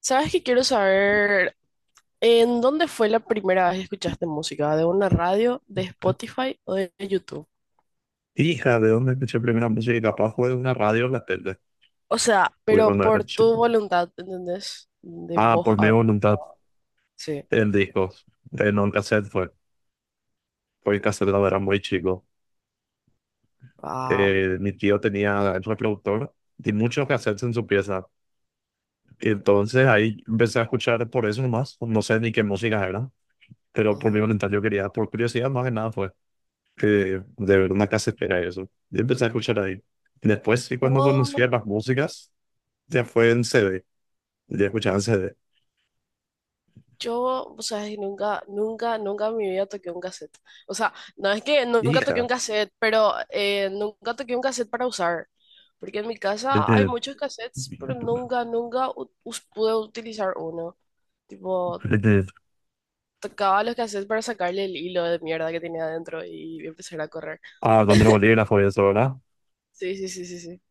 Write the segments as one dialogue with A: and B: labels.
A: ¿Sabes qué quiero saber? ¿En dónde fue la primera vez que escuchaste música? ¿De una radio, de Spotify o de YouTube?
B: Hija, ¿de dónde escuché primera música? Y capaz fue de una radio o la tele.
A: O sea,
B: Porque
A: pero
B: cuando era
A: por
B: chico.
A: tu voluntad, ¿entendés? De
B: Ah,
A: vos
B: por mi
A: a-
B: voluntad,
A: Sí.
B: el disco. En un cassette fue. Porque el cassette la verdad muy chico.
A: Ah.
B: Mi tío tenía el reproductor y muchos cassettes en su pieza. Y entonces ahí empecé a escuchar por eso nomás. No sé ni qué música era. Pero por mi
A: Ujú.
B: voluntad yo quería, por curiosidad más que nada fue. Que de ver una casetera y eso. Y empecé a escuchar ahí. Después, sí, cuando conocía
A: Wow.
B: las músicas, ya fue en c d. Ya escuchaba en C d.
A: Yo, o sea, nunca, nunca, nunca en mi vida toqué un cassette. O sea, no es que nunca toqué un
B: Hija,
A: cassette, pero nunca toqué un cassette para usar. Porque en mi casa hay
B: desde,
A: muchos cassettes, pero nunca, pude utilizar uno. Tipo,
B: desde-
A: tocaba los cassettes para sacarle el hilo de mierda que tenía adentro y empezar a correr.
B: a donde el volví la eso, sola.
A: Sí, sí, sí, sí, sí.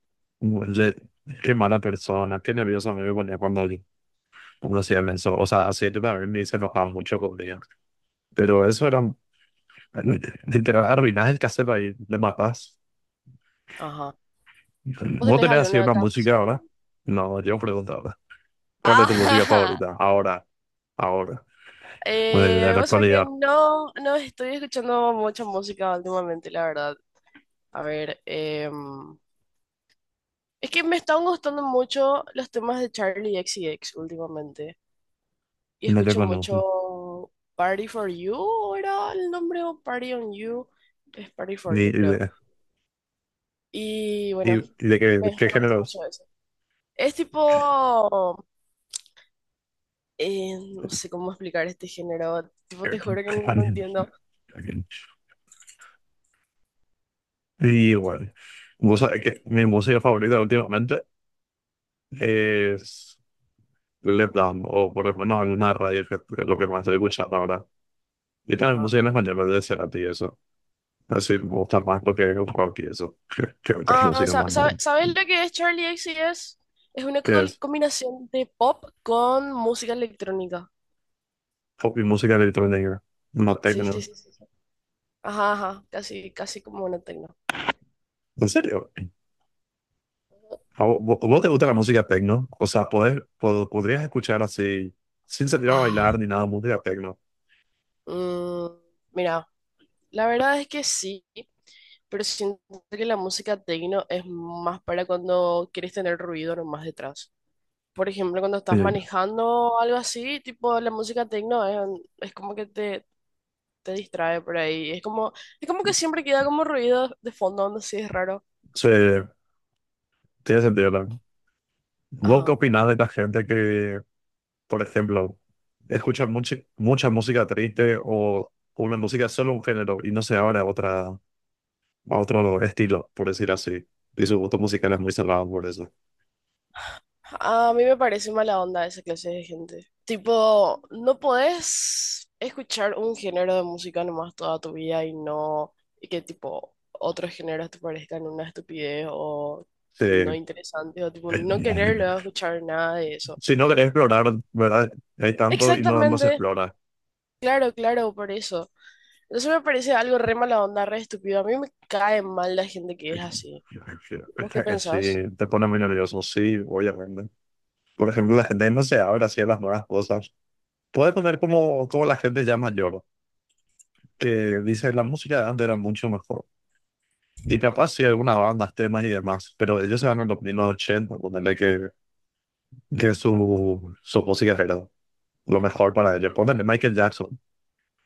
B: Le- qué mala persona, qué nervioso me ponía cuando uno hacía eso. O sea, así yo también me se enojaba mucho conmigo. Pero eso era, literal, arruinás el cassette ahí, le matás.
A: Ajá. ¿Vos
B: ¿Vos
A: tenés
B: tenés así
A: alguna
B: una música ahora?
A: canción?
B: No, yo preguntaba, ¿cuál es tu música
A: Ajá.
B: favorita? Ahora, ahora, o de la
A: Vos sabés que
B: actualidad,
A: no, no estoy escuchando mucha música últimamente, la verdad. A ver, es que me están gustando mucho los temas de Charlie X C X últimamente. Y
B: no te
A: escucho
B: conozco.
A: mucho Party for You, ¿o era el nombre o Party on You? Es Party for
B: Ni-
A: You,
B: ni
A: creo.
B: de,
A: Y
B: ni-
A: bueno,
B: ni de qué,
A: me
B: qué
A: gusta
B: géneros.
A: mucho eso. Es tipo, no sé cómo explicar este género, tipo, te juro que no entiendo.
B: Sí, igual. Vos sabés que mi música favorita últimamente es Left Down, o por ejemplo no alguna radio, que es lo que más estoy escuchando ahora. Y también
A: Ajá.
B: música en español de Cerati y eso. Así me gusta más porque es el rock y eso, que otras
A: Ah,
B: músicas más buenas.
A: ¿sabes lo que es Charlie X XCX? Es una
B: Que es
A: combinación de pop con música electrónica.
B: pop y música electrónica, no
A: Sí, sí,
B: techno.
A: sí, sí, sí. Ajá, ajá, casi, casi como una tecno.
B: En serio, ¿a vos, te gusta la música techno? O sea, poder, podrías escuchar así, sin salir a bailar
A: Ah.
B: ni nada, música techno.
A: Mm, mira, la verdad es que sí, pero siento que la música techno es más para cuando quieres tener ruido nomás detrás. Por ejemplo, cuando
B: Sí,
A: estás manejando o algo así, tipo la música techno es como que te distrae por ahí. Es como que siempre queda como ruido de fondo, no sé, es raro.
B: sí, tiene sentido también. ¿Vos qué
A: Ajá.
B: opinás de la gente que, por ejemplo, escucha mucha, mucha música triste o una música solo un género y no se abre a otra, a otro estilo, por decir así? Y su gusto musical es muy cerrado por eso.
A: A mí me parece mala onda esa clase de gente. Tipo, no podés escuchar un género de música nomás toda tu vida y no, y que tipo otros géneros te parezcan una estupidez o no
B: Sí.
A: interesante o tipo no querer luego escuchar nada de eso.
B: Si no querés explorar, ¿verdad? Hay tanto y no, no se
A: Exactamente,
B: explora.
A: claro, claro, por eso. Eso me parece algo re mala onda, re estúpido. A mí me cae mal la gente que es así. ¿Vos qué
B: Sí,
A: pensás?
B: te pone muy nervioso, sí, obviamente. Por ejemplo, la gente no se abre así a las nuevas cosas. Puede poner como, como la gente ya mayor, que dice la música de antes era mucho mejor. Y capaz sí, algunas bandas, temas y demás, pero ellos se van en los primeros 80, ponerle que su música era lo mejor para ellos. Ponerle Michael Jackson,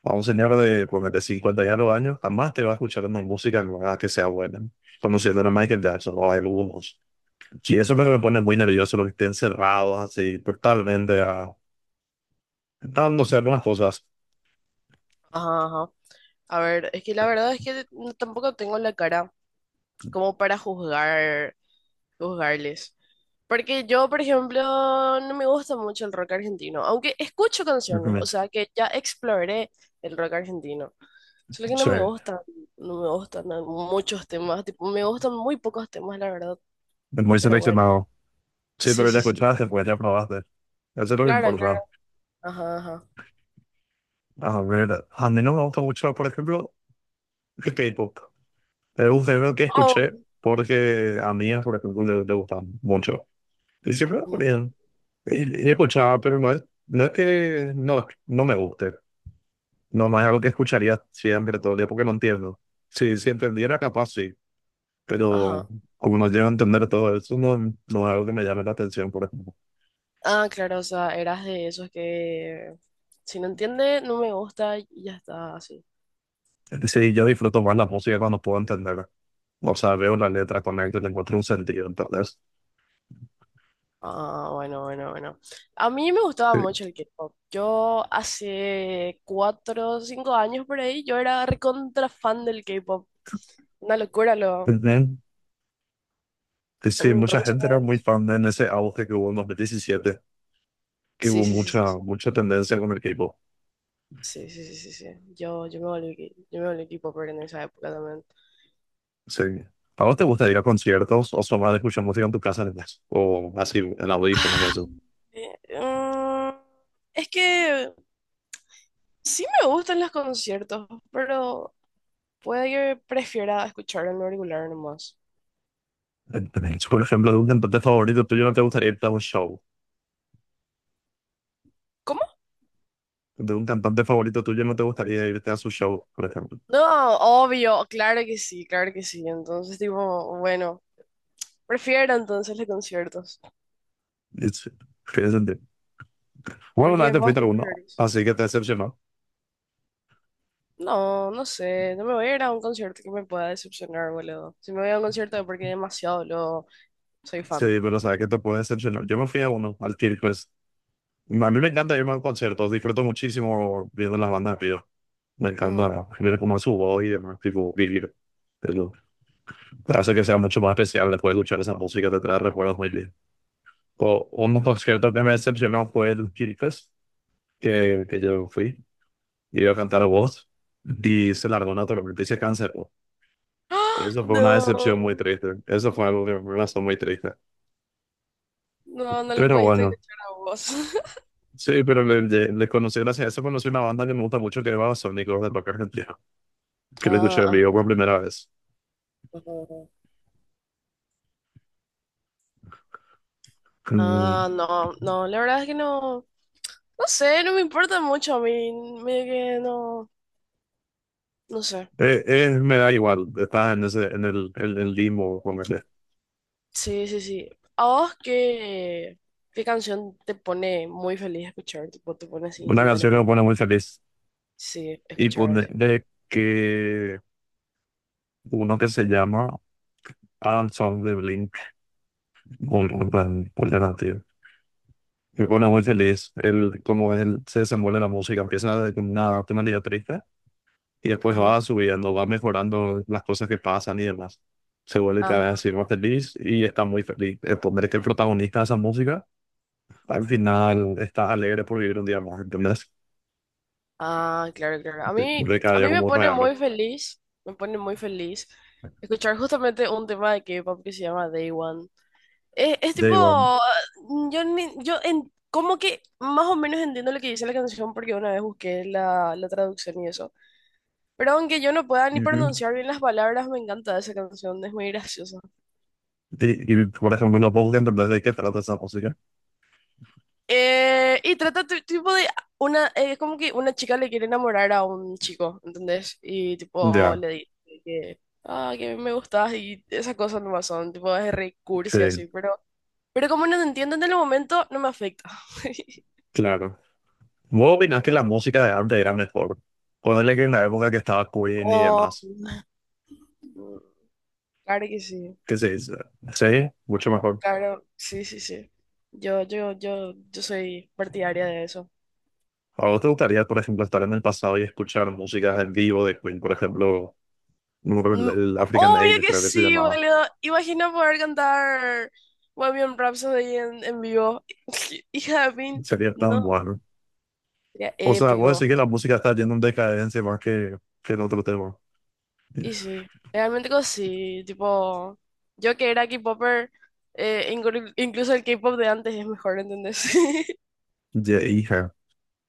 B: a un señor de, pues, de 50 y algo años, jamás te va a escuchar una música nueva que sea buena. Conociendo a Michael Jackson o a algunos. Y eso es lo que me pone muy nervioso, lo que estén cerrados así, totalmente a dándose algunas cosas.
A: Ajá, ajá. A ver, es que la verdad es que no- tampoco tengo la cara como para juzgar, juzgarles. Porque yo, por ejemplo, no me gusta mucho el rock argentino, aunque escucho canciones, o
B: Ujú.
A: sea que ya exploré el rock argentino. Solo que no
B: Sí,
A: me
B: es
A: gustan, muchos temas, tipo, me gustan muy pocos temas, la verdad.
B: muy
A: Pero bueno,
B: seleccionado. Sí,
A: sí,
B: pero ya
A: sí, sí.
B: escuchaste, pues ya probaste. Eso es lo que
A: Claro, claro.
B: importa.
A: Ajá, ajá.
B: A ver, a mí no me gusta mucho, por ejemplo, el K-pop. Es un género que
A: Oh.
B: escuché porque a mí, por ejemplo, le gusta mucho. Y siempre bien. He he escuchado, pero no es, no es que no, no me guste. No, no es algo que escucharía siempre todo el día porque no entiendo. Si, si entendiera, capaz sí. Pero
A: Ajá.
B: como no llego a entender todo eso, no, no es algo que me llame la atención, por ejemplo.
A: Ah, claro, o sea, eras de esos que si no entiende, no me gusta y ya está así.
B: Es decir, yo disfruto más la música cuando puedo entenderla. O sea, veo la letra, conecto le encuentro un sentido. Entonces,
A: Ah, bueno, bueno, bueno. A mí me gustaba
B: sí.
A: mucho el K-pop. Yo hace cuatro o cinco años por ahí, yo era recontra fan del K-pop. Una locura lo.
B: También, y sí, mucha gente era muy
A: Entonces,
B: fan de en ese auge que hubo en 2017, que
A: sí,
B: hubo
A: sí,
B: mucha,
A: sí,
B: mucha tendencia con el K-pop.
A: sí, sí, sí, sí, sí, sí. Yo me volví K-popper en esa época también.
B: Sí. ¿A vos te gusta ir a conciertos o son más de escuchar música en tu casa nomás? O así en audífonos y
A: Ah,
B: eso.
A: eh, mm, es que sí me gustan los conciertos, pero puede que prefiera escucharlo en el auricular nomás.
B: Entendés. Por ejemplo, de un cantante favorito tuyo no te gustaría irte a un show.
A: ¿Cómo?
B: De un cantante favorito tuyo no te gustaría irte a su show, por ejemplo.
A: No, obvio, claro que sí, claro que sí. Entonces, tipo, bueno, prefiero entonces los conciertos.
B: Es- tiene sentido. Bueno, una
A: ¿Porque
B: vez te
A: vos
B: fuiste a
A: qué
B: uno,
A: prefieres?
B: así que te decepcionó.
A: No, no sé, no me voy a ir a un concierto que me pueda decepcionar, boludo. Si me voy a un concierto es porque demasiado lo soy
B: Sí,
A: fan.
B: pero sabes que te puede decepcionar. Yo me fui a uno, al Tirquest. A mí me encanta irme a conciertos, disfruto muchísimo viendo las bandas de pío. Me
A: Ujú.
B: encanta ver cómo es su voz y demás, tipo, vivir. Hace que sea mucho más especial después de escuchar esa música, te trae recuerdos muy bien. O, uno de los conciertos que me decepcionó fue el Chirifest, que yo fui, y iba a cantar voz, y se largó una tormenta y se canceló.
A: ¡Ah!
B: Eso fue una decepción muy
A: No,
B: triste, eso fue algo que me pasó muy triste.
A: no, no lo
B: Pero
A: pudiste
B: bueno,
A: escuchar a vos.
B: sí, pero le, le conocí gracias a eso, conocí una banda que me gusta mucho que va a Sónico de Rock Argentina, que le escuché en
A: Ah,
B: vivo por primera vez.
A: ah,
B: Mm,
A: ah, ah, no, no, la verdad es que no. No sé, no me importa mucho a mí, medio que no, no sé.
B: me da igual, estás en, ese, en el limbo, como que-
A: Sí, sí, sí. ¿A vos qué, qué canción te pone muy feliz escuchar? Tipo, te pone así
B: Una canción que me
A: instantáneamente.
B: pone muy feliz.
A: Sí,
B: Y
A: escuchar así.
B: ponerle que uno que se llama Adam Song de Blink, un plan alternativo. Me pone muy feliz el, cómo él se desenvuelve la música. Empieza con una temática triste y después
A: Ajá,
B: va subiendo, va mejorando las cosas que pasan y demás. Se vuelve cada vez
A: ajá.
B: así más feliz y está muy feliz. El poner que el protagonista de esa música al final está alegre por vivir un día más, ¿entendés?
A: Ah, claro, claro.
B: De cada
A: A
B: día
A: mí me
B: como un
A: pone
B: regalo.
A: muy feliz, me pone muy feliz escuchar justamente un tema de K-pop que se llama Day One. Es
B: De
A: tipo,
B: igual.
A: yo, ni- yo en, como que más o menos entiendo lo que dice la canción porque una vez busqué la, la traducción y eso. Pero aunque yo no pueda
B: Y,
A: ni
B: y-
A: pronunciar bien las palabras, me encanta esa canción, es muy graciosa.
B: y, por ejemplo, no puedo entender de qué trata esa música.
A: Y trata tipo de una, es como que una chica le quiere enamorar a un chico, ¿entendés? Y tipo
B: Ya,
A: le dice que, ah, que me gustas y esas cosas nomás son, tipo es re
B: sí,
A: cursi así, pero como no te entiendo en el momento, no me afecta.
B: claro. ¿Vos opinás que la música de antes era mejor? Ponele que en la época que estaba Queen y
A: Oh,
B: demás.
A: claro que sí,
B: ¿Qué se dice? Sí, mucho mejor.
A: claro, sí, sí, sí. Yo soy partidaria de eso.
B: ¿A vos te gustaría, por ejemplo, estar en el pasado y escuchar música en vivo de Queen? Por ejemplo, no me acuerdo,
A: Mm,
B: el African
A: obvio
B: Ale,
A: que
B: creo que se
A: sí,
B: llamaba.
A: boludo. Imagina poder cantar Bohemian Rhapsody en vivo. Hija de pin,
B: Sería tan
A: no.
B: bueno.
A: Sería
B: O sea, vos
A: épico.
B: decís que la música está yendo en decadencia más que en otro tema.
A: Y sí, realmente que sí. Tipo, yo que era K-popper, incluso el K-pop de antes es mejor, ¿entendés?
B: Ya, hija.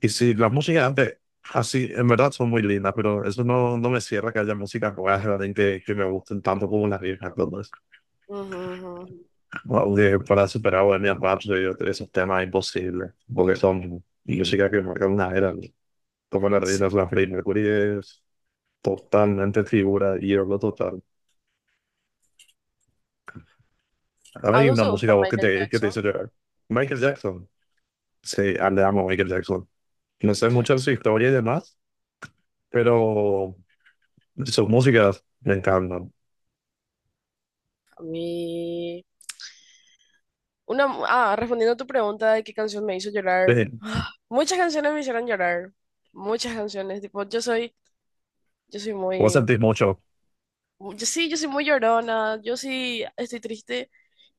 B: Y sí, las músicas antes, así, en verdad son muy lindas, pero eso no, no me cierra que haya músicas nuevas realmente que me gusten tanto como las viejas. Entonces,
A: Ujú, ujú.
B: bueno, de- para superar Bohemian Rhapsody, esos temas imposibles, porque son músicas que marcan una era. ¿No? Como la
A: Sí.
B: reina de la Freddie Mercury es totalmente figura y lo total. Ahora hay
A: ¿Algo
B: una
A: se gusta
B: música vos
A: Michael
B: que te
A: Jackson?
B: dice llorar. Michael Jackson. Sí, ah, le amo a Michael Jackson. No sé mucho de su historia y demás, pero sus músicas me encantan.
A: A mí... Una, ah, respondiendo a tu pregunta de qué canción me hizo llorar.
B: Sí.
A: Muchas canciones me hicieron llorar. Muchas canciones. Tipo, yo soy Yo soy
B: Vos
A: muy,
B: sentís mucho,
A: yo sí, yo soy muy llorona. Yo sí estoy triste,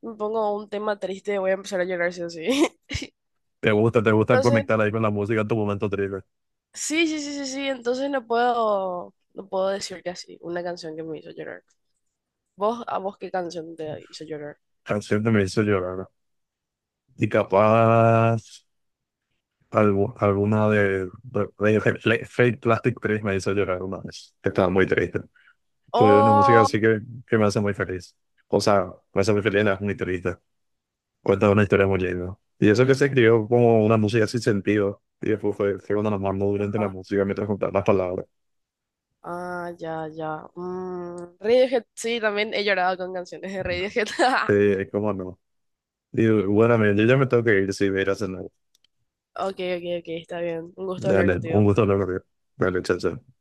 A: me pongo un tema triste, voy a empezar a llorar sí o sí.
B: te gusta conectar
A: Entonces,
B: ahí con la música en tu momento triste.
A: sí, sí, sí, sí, sí. Entonces no puedo, no puedo decir que así, una canción que me hizo llorar. ¿Vos, a vos qué canción te hizo llorar?
B: Canción que me hizo llorar. ¿No? Y capaz, algu- alguna de, de- Fake Plastic Trees me hizo llorar una vez. Estaba muy triste. Pero es una música
A: Oh,
B: así que me hace muy feliz. O sea, me hace muy feliz, no es muy triste. Cuenta una historia muy linda. Y eso que se escribió como una música sin sentido. Y después fue, fue cuando nos mandó durante la
A: ajá.
B: música mientras juntaban las palabras.
A: Ah, ya, ya. Mm, Radiohead, sí, también he llorado con canciones de Radiohead.
B: Sí, cómo no. Y bueno, yo ya me tengo que ir si voy a ir a cenar.
A: Ok, ok, ok, está bien. Un gusto hablar
B: Dale, un
A: contigo.
B: gusto hablar contigo. Dale, chao, chao.